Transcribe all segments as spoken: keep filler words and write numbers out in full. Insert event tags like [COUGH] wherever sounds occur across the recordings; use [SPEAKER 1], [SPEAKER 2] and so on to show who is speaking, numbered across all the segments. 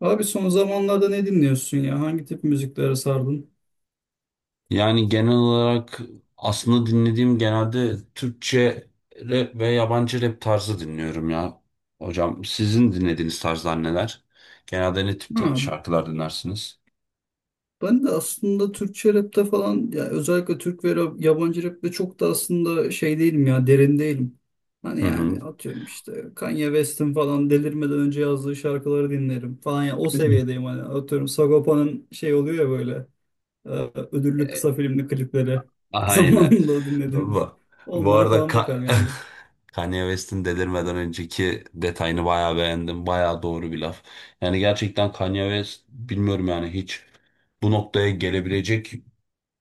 [SPEAKER 1] Abi son zamanlarda ne dinliyorsun ya? Hangi tip müziklere sardın?
[SPEAKER 2] Yani genel olarak aslında dinlediğim genelde Türkçe rap ve yabancı rap tarzı dinliyorum ya. Hocam sizin dinlediğiniz tarzlar neler? Genelde ne tip
[SPEAKER 1] Ha,
[SPEAKER 2] te- şarkılar dinlersiniz?
[SPEAKER 1] ben de aslında Türkçe rapte falan ya özellikle Türk ve rap- yabancı rapte çok da aslında şey değilim ya derin değilim. Hani
[SPEAKER 2] Hı hı.
[SPEAKER 1] yani atıyorum işte Kanye West'in falan delirmeden önce yazdığı şarkıları dinlerim falan ya o seviyedeyim hani atıyorum Sagopa'nın şey oluyor ya böyle e, ödüllü
[SPEAKER 2] E,
[SPEAKER 1] kısa filmli klipleri [LAUGHS]
[SPEAKER 2] Aynen.
[SPEAKER 1] zamanında dinlediğimiz
[SPEAKER 2] Bu, bu
[SPEAKER 1] onlara
[SPEAKER 2] arada
[SPEAKER 1] falan
[SPEAKER 2] Ka-
[SPEAKER 1] bakarım
[SPEAKER 2] [LAUGHS]
[SPEAKER 1] yani.
[SPEAKER 2] Kanye West'in delirmeden önceki detayını bayağı beğendim. Bayağı doğru bir laf. Yani gerçekten Kanye West bilmiyorum yani hiç bu noktaya gelebilecek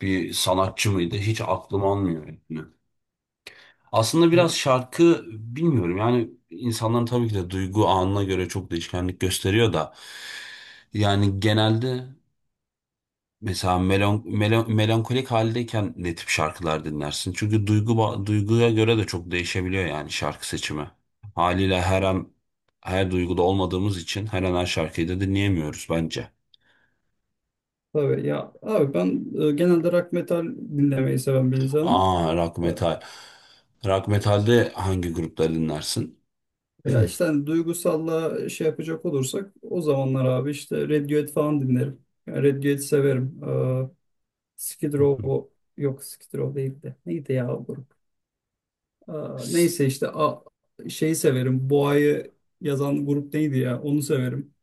[SPEAKER 2] bir sanatçı mıydı? Hiç aklım almıyor etmiyor. Aslında biraz şarkı bilmiyorum yani insanların tabii ki de duygu anına göre çok değişkenlik gösteriyor da yani genelde mesela melon, melon- melankolik haldeyken ne tip şarkılar dinlersin? Çünkü duygu ba- duyguya göre de çok değişebiliyor yani şarkı seçimi. Haliyle her an her duyguda olmadığımız için her an her şarkıyı da dinleyemiyoruz bence.
[SPEAKER 1] Tabii ya abi ben e, genelde rock metal dinlemeyi seven bir insanım.
[SPEAKER 2] Aa, rock
[SPEAKER 1] E,
[SPEAKER 2] metal. Rock metalde hangi grupları dinlersin? [CLEARS THROAT]
[SPEAKER 1] Ya işte hani duygusalla şey yapacak olursak o zamanlar abi işte Radiohead falan dinlerim. Yani Radiohead severim. E, Skid
[SPEAKER 2] Hı hı.
[SPEAKER 1] Row yok Skid Row değil de neydi ya o grup? E, Neyse işte a, şeyi severim. Boğa'yı yazan grup neydi ya onu severim.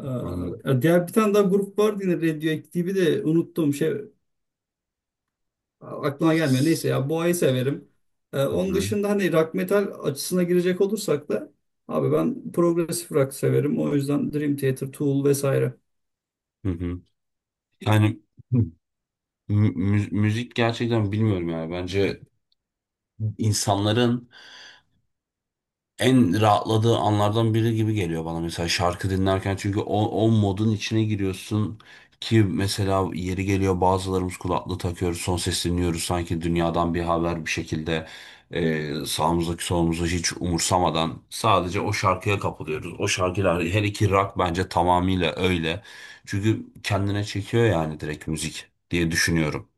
[SPEAKER 1] E,
[SPEAKER 2] Anladım.
[SPEAKER 1] Ya diğer bir tane daha grup vardı yine Radiohead gibi de unuttum şey. Aklına gelmiyor. Neyse ya Boğa'yı severim. Ee,
[SPEAKER 2] Hı
[SPEAKER 1] onun
[SPEAKER 2] hı.
[SPEAKER 1] dışında hani rock metal açısına girecek olursak da abi ben progresif rock severim. O yüzden Dream Theater, Tool vesaire.
[SPEAKER 2] Hı hı. Yani mü- mü- müzik gerçekten bilmiyorum yani. Bence insanların en rahatladığı anlardan biri gibi geliyor bana mesela şarkı dinlerken çünkü o, o modun içine giriyorsun ki mesela yeri geliyor bazılarımız kulaklığı takıyoruz son ses dinliyoruz sanki dünyadan bir haber bir şekilde, e, sağımızdaki solumuzu hiç umursamadan sadece o şarkıya kapılıyoruz. O şarkılar her iki rock bence tamamıyla öyle çünkü kendine çekiyor yani direkt müzik diye düşünüyorum.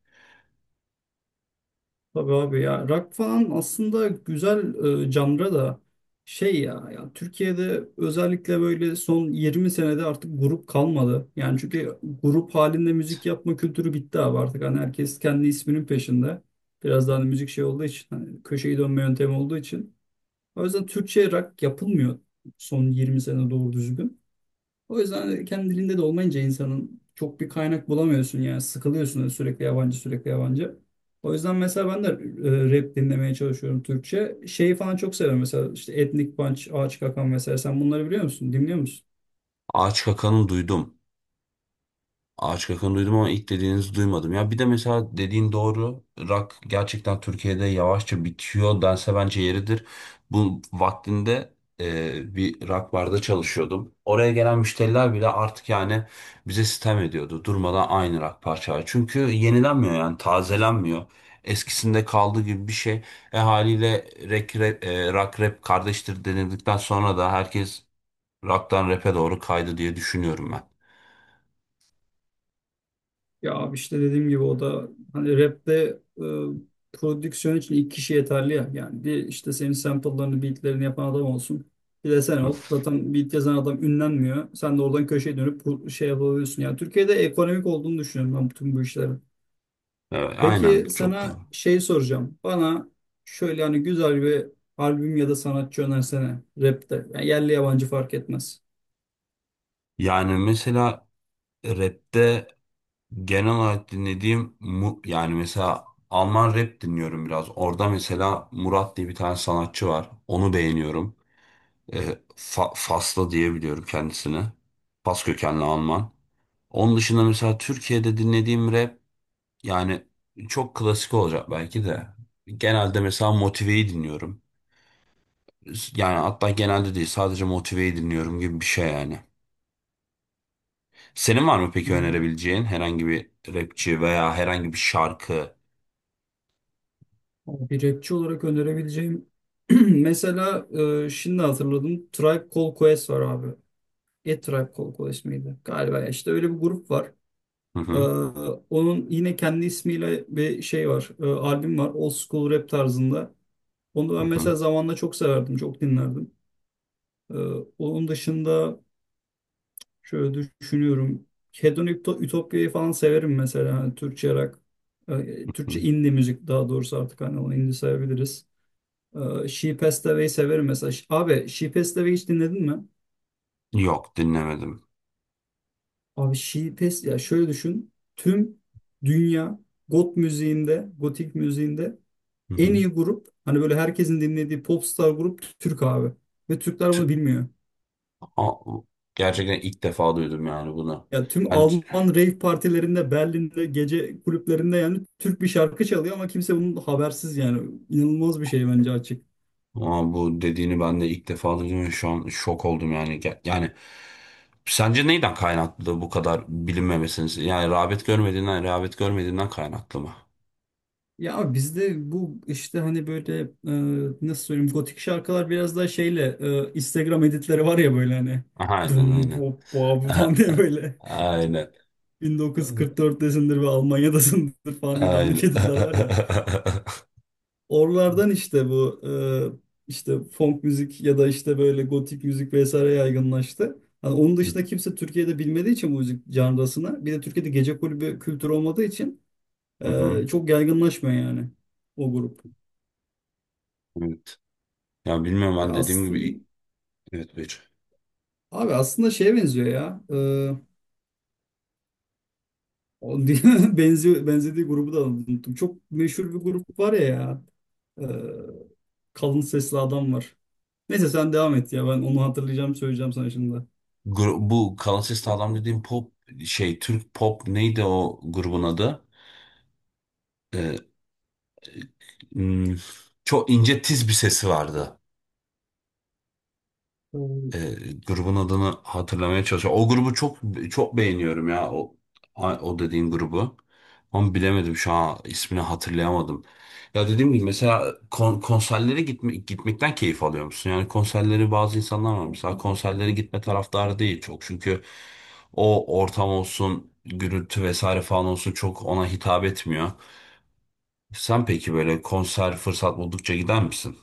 [SPEAKER 1] Tabii abi ya rock falan aslında güzel e, janra da şey ya ya Türkiye'de özellikle böyle son yirmi senede artık grup kalmadı. Yani çünkü grup halinde müzik yapma kültürü bitti abi artık. Hani herkes kendi isminin peşinde. Biraz daha hani müzik şey olduğu için hani köşeyi dönme yöntemi olduğu için. O yüzden Türkçe rock yapılmıyor son yirmi sene doğru düzgün. O yüzden kendi dilinde de olmayınca insanın çok bir kaynak bulamıyorsun yani sıkılıyorsun sürekli yabancı sürekli yabancı. O yüzden mesela ben de e, rap dinlemeye çalışıyorum Türkçe. Şeyi falan çok seviyorum mesela işte Etnik Punch, Ağaç Kakan, mesela sen bunları biliyor musun? Dinliyor musun?
[SPEAKER 2] Ağaç Kaka'nın duydum. Ağaç Kakan'ı duydum ama ilk dediğinizi duymadım. Ya bir de mesela dediğin doğru. Rock gerçekten Türkiye'de yavaşça bitiyor dense bence yeridir. Bu vaktinde e, bir rock barda çalışıyordum. Oraya gelen müşteriler bile artık yani bize sitem ediyordu. Durmadan aynı rock parçayı. Çünkü yenilenmiyor yani tazelenmiyor. Eskisinde kaldığı gibi bir şey. E haliyle rap, rap, e, rock rap kardeştir denildikten sonra da herkes rock'tan rap'e doğru kaydı diye düşünüyorum ben.
[SPEAKER 1] Ya abi işte dediğim gibi o da hani rapte e, prodüksiyon için iki kişi yeterli ya. Yani bir işte senin sample'larını, beatlerini yapan adam olsun. Bir de sen ol. Zaten beat yazan adam ünlenmiyor. Sen de oradan köşeye dönüp bu- şey yapabiliyorsun. Yani Türkiye'de ekonomik olduğunu düşünüyorum ben bütün bu işlerin.
[SPEAKER 2] Evet, aynen,
[SPEAKER 1] Peki
[SPEAKER 2] çok doğru.
[SPEAKER 1] sana şey soracağım. Bana şöyle hani güzel bir albüm ya da sanatçı önersene rapte. Yani yerli yabancı fark etmez.
[SPEAKER 2] Yani mesela rapte genel olarak dinlediğim mu, yani mesela Alman rap dinliyorum biraz. Orada mesela Murat diye bir tane sanatçı var. Onu beğeniyorum. E, Fa- Faslı diyebiliyorum kendisini. Fas kökenli Alman. Onun dışında mesela Türkiye'de dinlediğim rap yani çok klasik olacak belki de. Genelde mesela Motive'yi dinliyorum. Yani hatta genelde değil, sadece Motive'yi dinliyorum gibi bir şey yani. Senin var mı peki önerebileceğin herhangi bir rapçi veya herhangi bir şarkı?
[SPEAKER 1] Bir rapçi olarak önerebileceğim [CLEARS THROAT] mesela e, şimdi hatırladım Tribe Called Quest var abi. E Tribe Called Quest miydi? Galiba ya. İşte öyle bir grup var.
[SPEAKER 2] Hı
[SPEAKER 1] E,
[SPEAKER 2] hı.
[SPEAKER 1] Onun yine kendi ismiyle bir şey var. E, albüm var. Old School Rap tarzında. Onu
[SPEAKER 2] Hı
[SPEAKER 1] ben
[SPEAKER 2] hı.
[SPEAKER 1] mesela zamanla çok severdim. Çok dinlerdim. E, Onun dışında şöyle düşünüyorum. Hedonic Ütopya'yı falan severim mesela. Hani Türkçe rock. e,
[SPEAKER 2] Hı.
[SPEAKER 1] Türkçe indie müzik daha doğrusu artık hani onu indie sayabiliriz. Ee, She Passed Away'i severim mesela. Ş- Abi She Passed Away hiç dinledin mi?
[SPEAKER 2] Yok, dinlemedim.
[SPEAKER 1] Abi She Passed ya şöyle düşün. Tüm dünya goth müziğinde, gotik müziğinde
[SPEAKER 2] Hı
[SPEAKER 1] en
[SPEAKER 2] hı.
[SPEAKER 1] iyi grup hani böyle herkesin dinlediği popstar grup Türk abi. Ve Türkler bunu
[SPEAKER 2] Tü-
[SPEAKER 1] bilmiyor.
[SPEAKER 2] Aa, gerçekten ilk defa duydum yani bunu.
[SPEAKER 1] Ya tüm
[SPEAKER 2] Yani,
[SPEAKER 1] Alman rave partilerinde, Berlin'de, gece kulüplerinde yani Türk bir şarkı çalıyor ama kimse bunun habersiz yani. İnanılmaz bir şey bence açık.
[SPEAKER 2] aa, bu dediğini ben de ilk defa duydum ve şu an şok oldum yani. Ge- Yani sence neyden kaynaklı bu kadar bilinmemesiniz? Yani rağbet görmediğinden, rağbet görmediğinden kaynaklı mı?
[SPEAKER 1] Ya abi bizde bu işte hani böyle e, nasıl söyleyeyim, gotik şarkılar biraz daha şeyle e, Instagram editleri var ya böyle hani
[SPEAKER 2] Aha, aynen
[SPEAKER 1] dum
[SPEAKER 2] aynen.
[SPEAKER 1] bop bop [LAUGHS] falan diye
[SPEAKER 2] [LAUGHS]
[SPEAKER 1] böyle
[SPEAKER 2] Aynen.
[SPEAKER 1] bin dokuz yüz kırk dörttesindir ve Almanya'dasındır falan diye dandik
[SPEAKER 2] Aynen.
[SPEAKER 1] editler var ya.
[SPEAKER 2] [LAUGHS]
[SPEAKER 1] Oralardan işte bu e, işte funk müzik ya da işte böyle gotik müzik vesaire yaygınlaştı. Hani onun dışında kimse Türkiye'de bilmediği için bu müzik janrasını, bir de Türkiye'de gece kulübü kültürü olmadığı için
[SPEAKER 2] Hı
[SPEAKER 1] e,
[SPEAKER 2] hı.
[SPEAKER 1] çok yaygınlaşmıyor yani o grup.
[SPEAKER 2] Evet. Ya bilmiyorum,
[SPEAKER 1] Ya
[SPEAKER 2] ben dediğim
[SPEAKER 1] aslında
[SPEAKER 2] gibi, evet bir.
[SPEAKER 1] Abi aslında şeye benziyor ya. Ee, o [LAUGHS] diye- benziyor, benzediği grubu da unuttum. Çok meşhur bir grup var ya. Ya. Ee, Kalın sesli adam var. Neyse sen devam et ya. Ben onu hatırlayacağım söyleyeceğim sana şimdi.
[SPEAKER 2] Gru- bu Kalates adam dediğim pop, şey, Türk pop neydi o grubun adı? Ee, hmm, çok ince tiz bir sesi vardı.
[SPEAKER 1] Ee,
[SPEAKER 2] E, grubun adını hatırlamaya çalışıyorum. O grubu çok çok beğeniyorum ya. O, o dediğin grubu. Ama bilemedim, şu an ismini hatırlayamadım. Ya dediğim gibi mesela kon- konserlere gitme, gitmekten keyif alıyor musun? Yani konserleri bazı insanlar var. Mesela konserlere gitme taraftarı değil çok. Çünkü o ortam olsun, gürültü vesaire falan olsun çok ona hitap etmiyor. Sen peki böyle konser fırsat buldukça gider misin?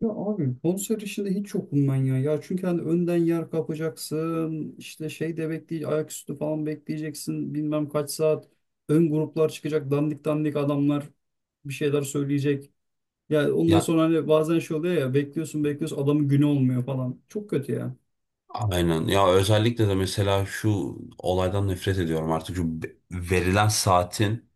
[SPEAKER 1] Ya abi konser işinde hiç yokum ben ya. Ya çünkü hani önden yer kapacaksın. İşte şey de bekleyeceksin. Ayaküstü falan bekleyeceksin. Bilmem kaç saat. Ön gruplar çıkacak. Dandik dandik adamlar bir şeyler söyleyecek. Ya ondan
[SPEAKER 2] Ya,
[SPEAKER 1] sonra hani bazen şey oluyor ya bekliyorsun bekliyorsun adamın günü olmuyor falan. Çok kötü ya.
[SPEAKER 2] aynen. Ya özellikle de mesela şu olaydan nefret ediyorum artık. Şu be- verilen saatin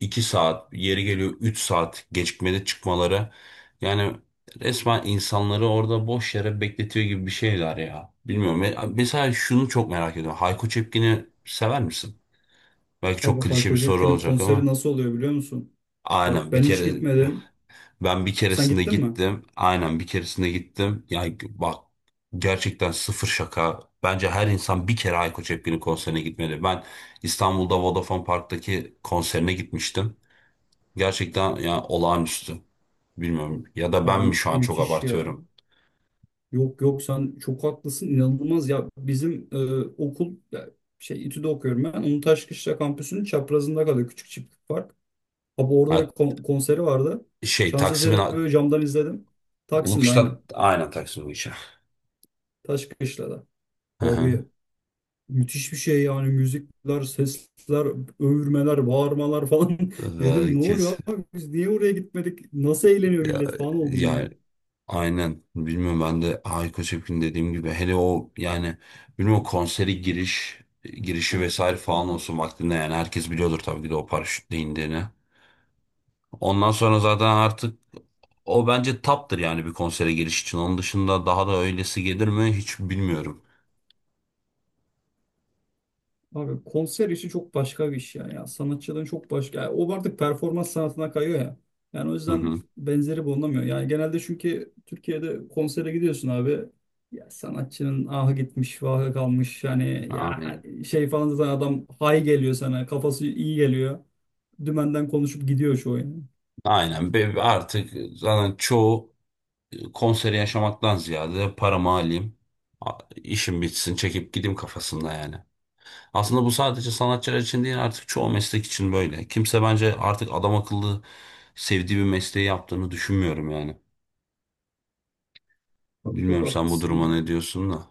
[SPEAKER 2] iki saat, yeri geliyor üç saat gecikmede çıkmaları. Yani resmen insanları orada boş yere bekletiyor gibi bir şeyler ya. Bilmiyorum. Me- Mesela şunu çok merak ediyorum. Hayko Cepkin'i sever misin? Belki çok
[SPEAKER 1] Abi
[SPEAKER 2] klişe
[SPEAKER 1] Hayko
[SPEAKER 2] bir soru
[SPEAKER 1] Cepkin'in
[SPEAKER 2] olacak
[SPEAKER 1] konseri
[SPEAKER 2] ama.
[SPEAKER 1] nasıl oluyor biliyor musun? Bak
[SPEAKER 2] Aynen, bir
[SPEAKER 1] ben hiç
[SPEAKER 2] kere
[SPEAKER 1] gitmedim.
[SPEAKER 2] ben bir
[SPEAKER 1] Sen
[SPEAKER 2] keresinde
[SPEAKER 1] gittin mi?
[SPEAKER 2] gittim. Aynen bir keresinde gittim. Yani bak, gerçekten sıfır şaka. Bence her insan bir kere Ayko Cepkin'in konserine gitmeli. Ben İstanbul'da Vodafone Park'taki konserine gitmiştim. Gerçekten yani olağanüstü. Bilmiyorum, ya da ben mi
[SPEAKER 1] Abi
[SPEAKER 2] şu an çok
[SPEAKER 1] müthiş ya.
[SPEAKER 2] abartıyorum?
[SPEAKER 1] Yok, yok, sen çok haklısın inanılmaz ya. Bizim e, okul ya, şey İTÜ'de okuyorum ben. Onun Taşkışla kampüsünün çaprazında kalıyor küçük çiftlik park. Abi orada
[SPEAKER 2] Ha,
[SPEAKER 1] bir kon- konseri vardı.
[SPEAKER 2] şey,
[SPEAKER 1] Şans
[SPEAKER 2] Taksim'in
[SPEAKER 1] eseri böyle camdan izledim. Taksim'de aynen.
[SPEAKER 2] Ulukış'ta, aynen, Taksim Ulukış'a.
[SPEAKER 1] Taşkışla'da.
[SPEAKER 2] Hı hı.
[SPEAKER 1] Abi müthiş bir şey yani, müzikler, sesler, övürmeler, bağırmalar falan. [LAUGHS] Dedim ne
[SPEAKER 2] Belki,
[SPEAKER 1] oluyor abi biz niye oraya gitmedik? Nasıl eğleniyor
[SPEAKER 2] ya,
[SPEAKER 1] millet falan oldum ya.
[SPEAKER 2] ya, aynen. Bilmiyorum, ben de Hayko Cepkin dediğim gibi hele o yani bilmiyorum konseri giriş girişi vesaire falan olsun vaktinde yani herkes biliyordur tabii ki de o paraşütle indiğini. Ondan sonra zaten artık o bence taptır yani bir konsere giriş için. Onun dışında daha da öylesi gelir mi hiç bilmiyorum.
[SPEAKER 1] Abi konser işi çok başka bir iş yani ya. Sanatçıların çok başka. Yani o artık performans sanatına kayıyor ya. Yani o
[SPEAKER 2] Hı
[SPEAKER 1] yüzden
[SPEAKER 2] hı.
[SPEAKER 1] benzeri bulunamıyor. Yani genelde çünkü Türkiye'de konsere gidiyorsun abi. Ya sanatçının ahı gitmiş, vahı kalmış. Yani ya
[SPEAKER 2] Aynen.
[SPEAKER 1] şey falan zaten adam hay geliyor sana. Kafası iyi geliyor. Dümenden konuşup gidiyor çoğu yani.
[SPEAKER 2] Aynen. Be- Artık zaten çoğu konseri yaşamaktan ziyade paramı alayım, a- işim bitsin çekip gideyim kafasında yani. Aslında bu sadece sanatçılar için değil, artık çoğu meslek için böyle. Kimse bence artık adam akıllı sevdiği bir mesleği yaptığını düşünmüyorum yani.
[SPEAKER 1] Abi çok
[SPEAKER 2] Bilmiyorum sen bu
[SPEAKER 1] haklısın
[SPEAKER 2] duruma
[SPEAKER 1] ya.
[SPEAKER 2] ne diyorsun da.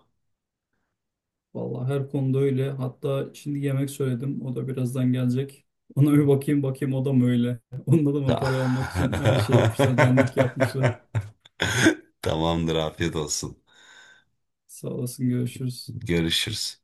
[SPEAKER 1] Vallahi her konuda öyle. Hatta şimdi yemek söyledim. O da birazdan gelecek. Ona bir bakayım bakayım o da mı öyle? [LAUGHS] Onda da mı
[SPEAKER 2] Ta-
[SPEAKER 1] parayı almak için hemen şey yapmışlar, dandik yapmışlar.
[SPEAKER 2] [LAUGHS] Tamamdır, afiyet olsun.
[SPEAKER 1] Sağ olasın, görüşürüz.
[SPEAKER 2] Görüşürüz.